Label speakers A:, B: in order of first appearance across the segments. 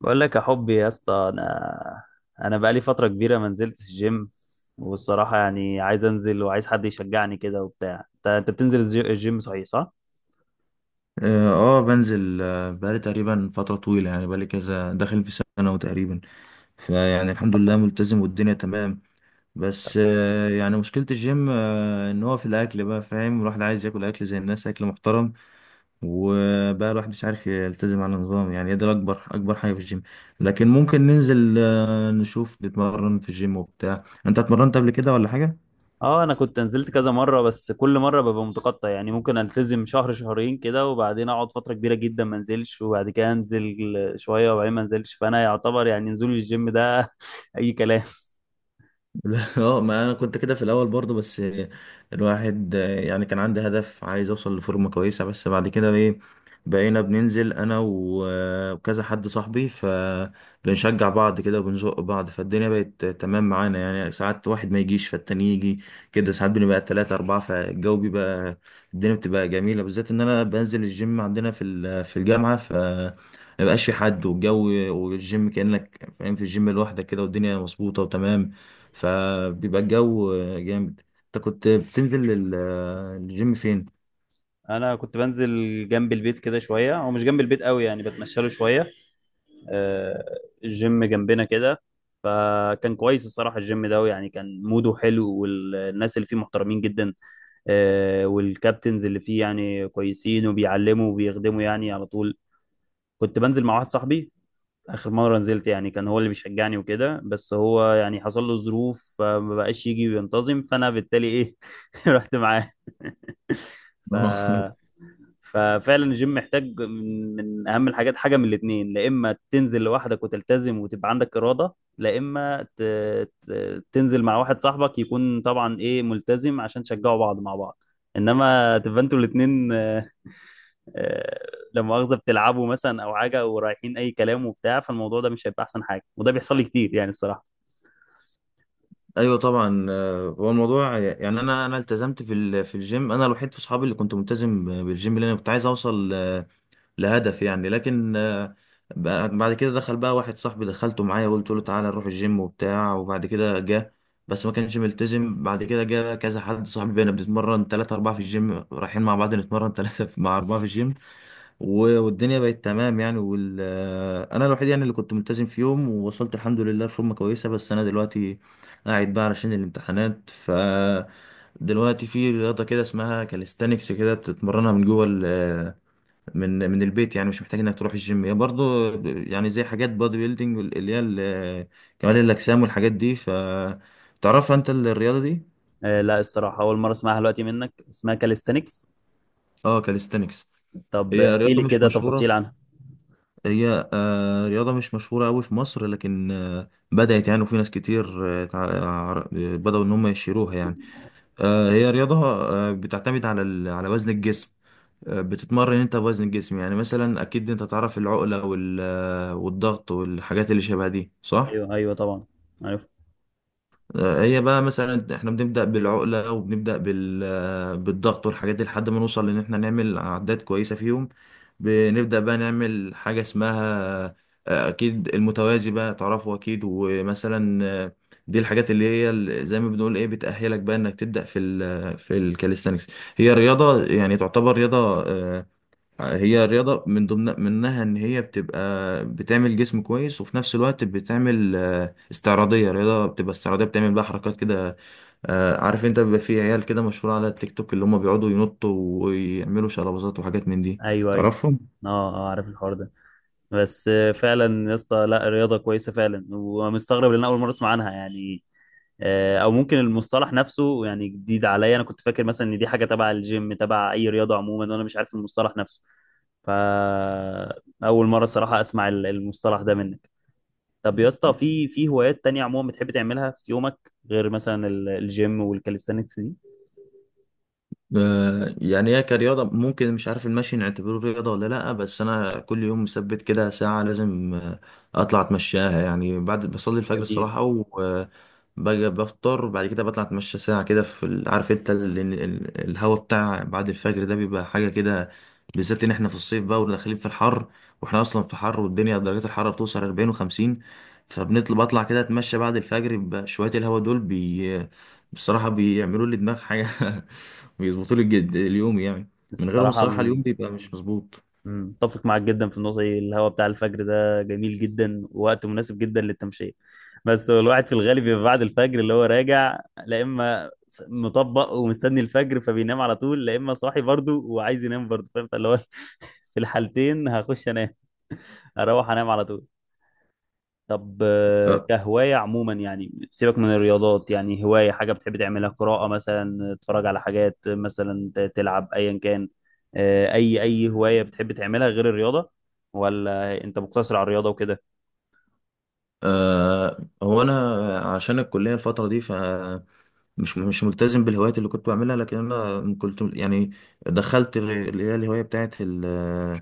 A: بقول لك يا حبي يا اسطى، انا بقالي فتره كبيره ما نزلتش الجيم. والصراحه يعني عايز انزل وعايز حد يشجعني كده وبتاع. انت بتنزل الجيم، صحيح؟ صح.
B: اه بنزل بقالي تقريبا فترة طويلة، يعني بقالي كذا داخل في سنة وتقريبا، فيعني الحمد لله ملتزم والدنيا تمام. بس يعني مشكلة الجيم ان هو في الاكل، بقى فاهم الواحد عايز ياكل اكل زي الناس، اكل محترم، وبقى الواحد مش عارف يلتزم على النظام. يعني ده اكبر حاجة في الجيم. لكن ممكن ننزل نشوف نتمرن في الجيم وبتاع. انت اتمرنت قبل كده ولا حاجة؟
A: اه، انا كنت نزلت كذا مره، بس كل مره ببقى متقطع. يعني ممكن التزم شهر شهرين كده وبعدين اقعد فتره كبيره جدا ما انزلش، وبعد كده انزل شويه وبعدين ما انزلش. فانا يعتبر يعني نزول الجيم ده اي كلام.
B: لا، اه، ما انا كنت كده في الاول برضه. بس الواحد يعني كان عندي هدف، عايز اوصل لفورمه كويسه. بس بعد كده ايه، بقينا بننزل انا و- آه، وكذا حد صاحبي، فبنشجع بعض كده وبنزق بعض، فالدنيا بقت تمام معانا. يعني ساعات واحد ما يجيش فالتاني يجي كده، ساعات بنبقى تلاتة أربعة، فالجو بيبقى، الدنيا بتبقى جميلة، بالذات إن أنا بنزل الجيم عندنا في الجامعة. مبقاش في حد، والجو والجيم كأنك فاهم في الجيم لوحدك كده، والدنيا مظبوطة وتمام، فبيبقى الجو جامد. انت كنت بتنزل الجيم فين؟
A: انا كنت بنزل جنب البيت كده شويه، هو مش جنب البيت قوي يعني بتمشى له شويه. آه، الجيم جنبنا كده. فكان كويس الصراحه، الجيم ده يعني كان موده حلو والناس اللي فيه محترمين جدا. والكابتنز اللي فيه يعني كويسين وبيعلموا وبيخدموا يعني على طول. كنت بنزل مع واحد صاحبي. اخر مره نزلت يعني كان هو اللي بيشجعني وكده، بس هو يعني حصل له ظروف فما بقاش يجي وينتظم، فانا بالتالي ايه رحت معاه.
B: اه.
A: ف ففعلا الجيم محتاج من اهم الحاجات، حاجه من الاثنين. لا اما تنزل لوحدك وتلتزم وتبقى عندك اراده، لا اما تنزل مع واحد صاحبك يكون طبعا ايه ملتزم عشان تشجعوا بعض مع بعض. انما تبقى انتوا الاثنين لما مؤاخذة بتلعبوا مثلا او حاجة ورايحين اي كلام وبتاع، فالموضوع ده مش هيبقى احسن حاجة، وده بيحصل لي كتير يعني الصراحة.
B: ايوه طبعا، هو الموضوع يعني انا التزمت في الجيم، انا الوحيد في اصحابي اللي كنت ملتزم بالجيم، لان انا كنت عايز اوصل لهدف يعني. لكن بعد كده دخل بقى واحد صاحبي، دخلته معايا وقلت له تعالى نروح الجيم وبتاع. وبعد كده جه، بس ما كانش ملتزم. بعد كده جه كذا حد صاحبي، بقينا بنتمرن ثلاثة أربعة في الجيم، رايحين مع بعض نتمرن ثلاثة مع أربعة في الجيم، والدنيا بقت تمام يعني. وال... آه، انا الوحيد يعني اللي كنت ملتزم في يوم، ووصلت الحمد لله لفورمه كويسه. بس انا دلوقتي قاعد بقى علشان الامتحانات. دلوقتي في رياضه كده اسمها كاليستانكس، كده بتتمرنها من جوه من البيت، يعني مش محتاج انك تروح الجيم. هي برضه يعني زي حاجات بادي بيلدينج، اللي هي كمال الاجسام والحاجات دي. ف تعرفها انت الرياضه دي؟
A: لا، الصراحة أول مرة أسمعها دلوقتي منك، اسمها كاليستانكس؟
B: اه كاليستانكس.
A: طب
B: هي
A: احكي
B: رياضه
A: لي
B: مش
A: كده تفاصيل
B: مشهوره،
A: عنها.
B: هي آه، رياضة مش مشهورة أوي في مصر، لكن بدأت يعني، وفي ناس كتير بدأوا إن هم يشيروها يعني. هي رياضة بتعتمد على على وزن الجسم. بتتمرن أنت بوزن الجسم، يعني مثلا أكيد أنت تعرف العقلة وال- آه، والضغط والحاجات اللي شبه دي، صح؟
A: أيوه أيوه طبعا، عارف.
B: هي بقى مثلا احنا بنبدأ بالعقلة، وبنبدأ بالضغط والحاجات دي، لحد ما نوصل لان احنا نعمل عدات كويسة فيهم. بنبدأ بقى نعمل حاجة اسمها، اكيد المتوازي بقى تعرفه اكيد، ومثلا دي الحاجات اللي هي زي ما بنقول ايه، بتأهلك بقى انك تبدأ في ال في الكاليستانكس. هي رياضة يعني، تعتبر رياضة، آه، هي رياضة من ضمن منها إن هي بتبقى بتعمل جسم كويس، وفي نفس الوقت بتعمل استعراضية، رياضة بتبقى استعراضية، بتعمل بقى حركات كده. عارف أنت بيبقى في عيال كده مشهورة على التيك توك، اللي هم بيقعدوا ينطوا ويعملوا شلبازات وحاجات من دي.
A: أيوه أيوه.
B: تعرفهم؟
A: أه. عارف الحوار ده. بس فعلا يا اسطى، لا رياضه كويسه فعلا، ومستغرب لان اول مره اسمع عنها يعني. او ممكن المصطلح نفسه يعني جديد عليا. انا كنت فاكر مثلا ان دي حاجه تبع الجيم، تبع اي رياضه عموما، وانا مش عارف المصطلح نفسه. فاول مره الصراحه اسمع المصطلح ده منك. طب يا اسطى، في هوايات تانية عموما بتحب تعملها في يومك، غير مثلا الجيم والكاليستانكس دي؟
B: يعني هي كرياضة. ممكن مش عارف المشي نعتبره رياضة ولا لأ، بس أنا كل يوم مثبت كده ساعة لازم أطلع أتمشاها يعني. بعد بصلي الفجر
A: جميل
B: الصراحة، وباجي بفطر، بعد كده بطلع أتمشى ساعة كده في عارف أنت الهوا بتاع بعد الفجر ده بيبقى حاجة كده، بالذات إن إحنا في الصيف بقى وداخلين في الحر، وإحنا أصلا في حر، والدنيا درجات الحرارة بتوصل 40 و50. بطلع كده أتمشى بعد الفجر بشوية، الهوا دول بصراحة بيعملوا لي دماغ حاجة. بيظبطوا لي الجد اليوم يعني، من غيرهم
A: الصراحه.
B: الصراحة اليوم بيبقى مش مظبوط.
A: متفق معاك جدا في النقطة دي، الهواء بتاع الفجر ده جميل جدا ووقت مناسب جدا للتمشية. بس هو الواحد في الغالب بيبقى بعد الفجر اللي هو راجع، لا إما مطبق ومستني الفجر فبينام على طول، لا إما صاحي برضه وعايز ينام برضه، فاهم؟ فاللي هو في الحالتين هخش أنام، أروح أنام على طول. طب،
B: أه.
A: كهواية عموما يعني سيبك من الرياضات، يعني هواية حاجة بتحب تعملها. قراءة مثلا، تتفرج على حاجات مثلا، تلعب أيا كان. أي هواية بتحب تعملها غير الرياضة؟ ولا أنت مقتصر على الرياضة وكده؟
B: أه. هو أنا عشان الكلية الفترة دي، مش ملتزم بالهوايات اللي كنت بعملها. لكن انا كنت يعني دخلت اللي هي الهوايه بتاعت ال-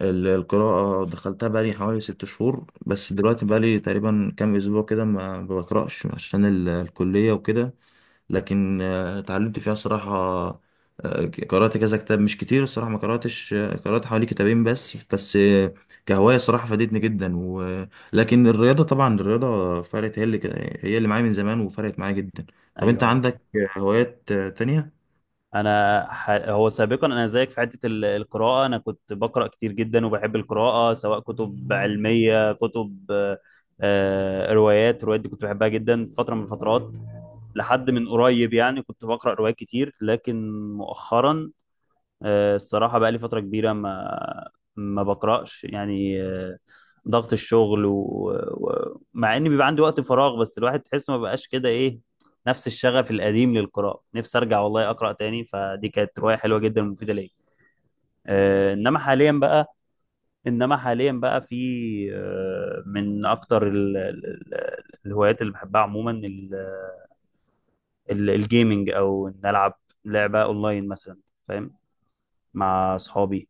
B: ال- القراءه، دخلتها بقالي حوالي ست شهور. بس دلوقتي بقالي تقريبا كام اسبوع كده ما بقراش، عشان الكليه وكده. لكن اتعلمت فيها صراحة. قرأت كذا كتاب، مش كتير الصراحة ما قرأتش، قرأت حوالي كتابين بس، كهواية صراحة فادتني جدا. و... لكن الرياضة طبعا، الرياضة فرقت، هي اللي هي اللي معايا من زمان، وفرقت معايا جدا. طب انت
A: أيوه أيوه.
B: عندك هوايات تانية؟
A: هو سابقا انا زيك في حته القراءه. انا كنت بقرا كتير جدا وبحب القراءه، سواء كتب علميه، كتب روايات. روايات دي كنت بحبها جدا فتره من الفترات، لحد من قريب يعني كنت بقرا روايات كتير. لكن مؤخرا الصراحة بقى لي فترة كبيرة ما بقرأش يعني. ضغط الشغل، ومع إن بيبقى عندي وقت فراغ بس الواحد تحسه ما بقاش كده إيه نفس الشغف القديم للقراءة. نفسي أرجع والله أقرأ تاني، فدي كانت رواية حلوة جدا ومفيدة ليا. إنما حاليا بقى، في من أكتر الهوايات اللي بحبها عموما الجيمنج، أو إن ألعب لعبة أونلاين مثلا، فاهم، مع أصحابي.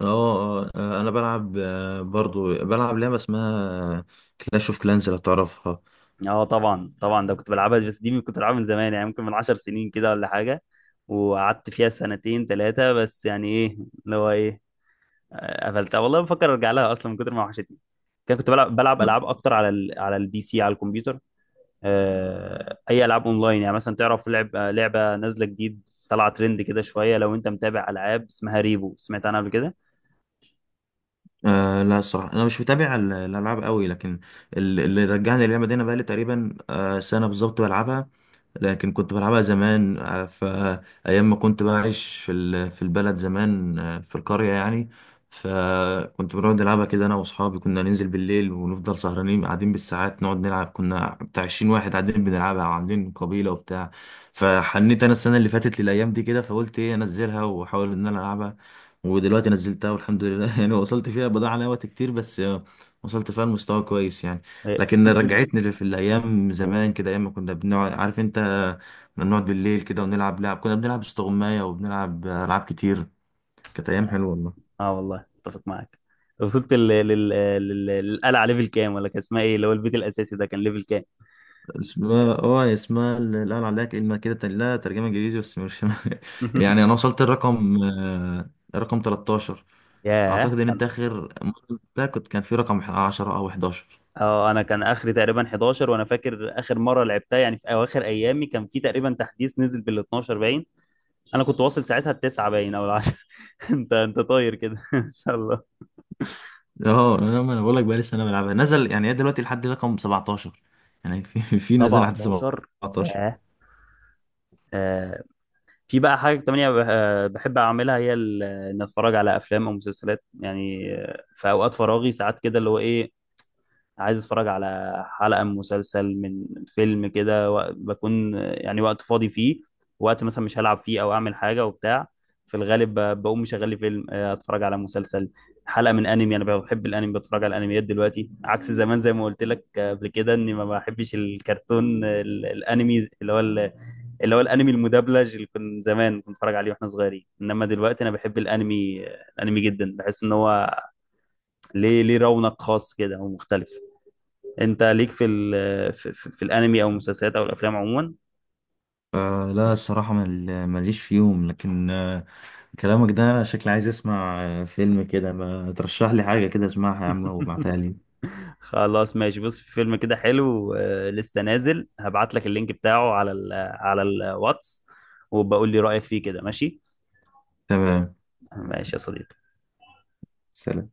B: اه انا بلعب برضو بلعب لعبة اسمها كلاش اوف كلانز، لو تعرفها.
A: اه طبعا طبعا، ده كنت بلعبها. بس دي كنت بلعبها من زمان يعني، ممكن من عشر سنين كده ولا حاجة. وقعدت فيها سنتين ثلاثة بس، يعني ايه، اللي هو ايه، قفلتها. والله بفكر ارجع لها اصلا من كتر ما وحشتني كده. كنت بلعب العاب اكتر على البي سي، على الكمبيوتر. اي العاب اونلاين يعني. مثلا تعرف لعب لعبة نازلة جديد، طلع ترند كده شوية؟ لو انت متابع، العاب اسمها ريبو، سمعت عنها قبل كده؟
B: آه لا الصراحة أنا مش متابع الألعاب قوي، لكن اللي رجعني اللعبة دي، أنا بقالي تقريبا آه سنة بالظبط بلعبها، لكن كنت بلعبها زمان آه، فأيام ما كنت بعيش في البلد زمان آه، في القرية يعني. فكنت بنقعد نلعبها كده أنا وأصحابي، كنا ننزل بالليل ونفضل سهرانين قاعدين بالساعات نقعد نلعب، كنا بتاع 20 واحد قاعدين بنلعبها، وعاملين قبيلة وبتاع. فحنيت أنا السنة اللي فاتت للأيام دي كده، فقلت إيه أنزلها وأحاول إن أنا ألعبها. ودلوقتي نزلتها والحمد لله. يعني وصلت فيها، بضاعة عليها وقت كتير، بس وصلت فيها لمستوى كويس يعني. لكن
A: وصلت.
B: رجعتني لف- في الأيام زمان كده، أيام ما كنا بنقعد، عارف أنت كنا بنقعد بالليل كده ونلعب لعب، كنا بنلعب استغماية وبنلعب ألعاب كتير. كانت أيام حلوة والله.
A: اه والله اتفق معاك. وصلت للقلعه ليفل كام، ولا كان اسمها ايه اللي هو البيت الاساسي ده، كان ليفل كام؟
B: اسمها اه اسمها، لا أنا عليها كلمة كده لا ترجمة إنجليزي بس مش يعني. أنا وصلت الرقم رقم 13.
A: ياه
B: أعتقد إن
A: أنا-
B: أنت آخر مرة لعبتها كنت كان في رقم 10 أو 11.
A: اه، انا كان اخري تقريبا 11. وانا فاكر اخر مره لعبتها يعني في اواخر ايامي كان في تقريبا تحديث نزل بال 12 باين، انا كنت واصل ساعتها التسعه باين او العشرة. انت طاير كده ان شاء الله.
B: اه، ما انا بقول لك بقى، لسه انا بلعبها، نزل يعني، هي دلوقتي لحد رقم 17 يعني. في في نزل لحد
A: 17،
B: 17.
A: ياه. آه. في بقى حاجه تانية بحب اعملها، هي ان اتفرج على افلام او مسلسلات، يعني في اوقات فراغي ساعات كده، اللي هو ايه، عايز اتفرج على حلقة من مسلسل، من فيلم كده، بكون يعني وقت فاضي فيه. وقت مثلا مش هلعب فيه او اعمل حاجة وبتاع. في الغالب بقوم مشغل لي فيلم، اتفرج على مسلسل، حلقة من انمي. انا بحب الانمي، بتفرج على الانميات دلوقتي عكس زمان زي ما قلت لك. قبل كده اني ما بحبش الكرتون، الانمي اللي هو الانمي المدبلج اللي كنت زمان كنت بتفرج عليه واحنا صغيرين. انما دلوقتي انا بحب الانمي، الانمي جدا، بحس ان هو ليه رونق خاص كده ومختلف. انت ليك في في الانمي او المسلسلات او الافلام عموما؟
B: الصراحه ماليش فيهم. لكن كلامك ده انا شكلي عايز اسمع فيلم كده، ما ترشح لي حاجه كده اسمعها يا عم وابعتها لي.
A: خلاص ماشي. بص، في فيلم كده حلو لسه نازل، هبعت لك اللينك بتاعه على على الواتس، وبقول لي رأيك فيه كده، ماشي؟
B: تمام.
A: ماشي يا صديقي.
B: سلام.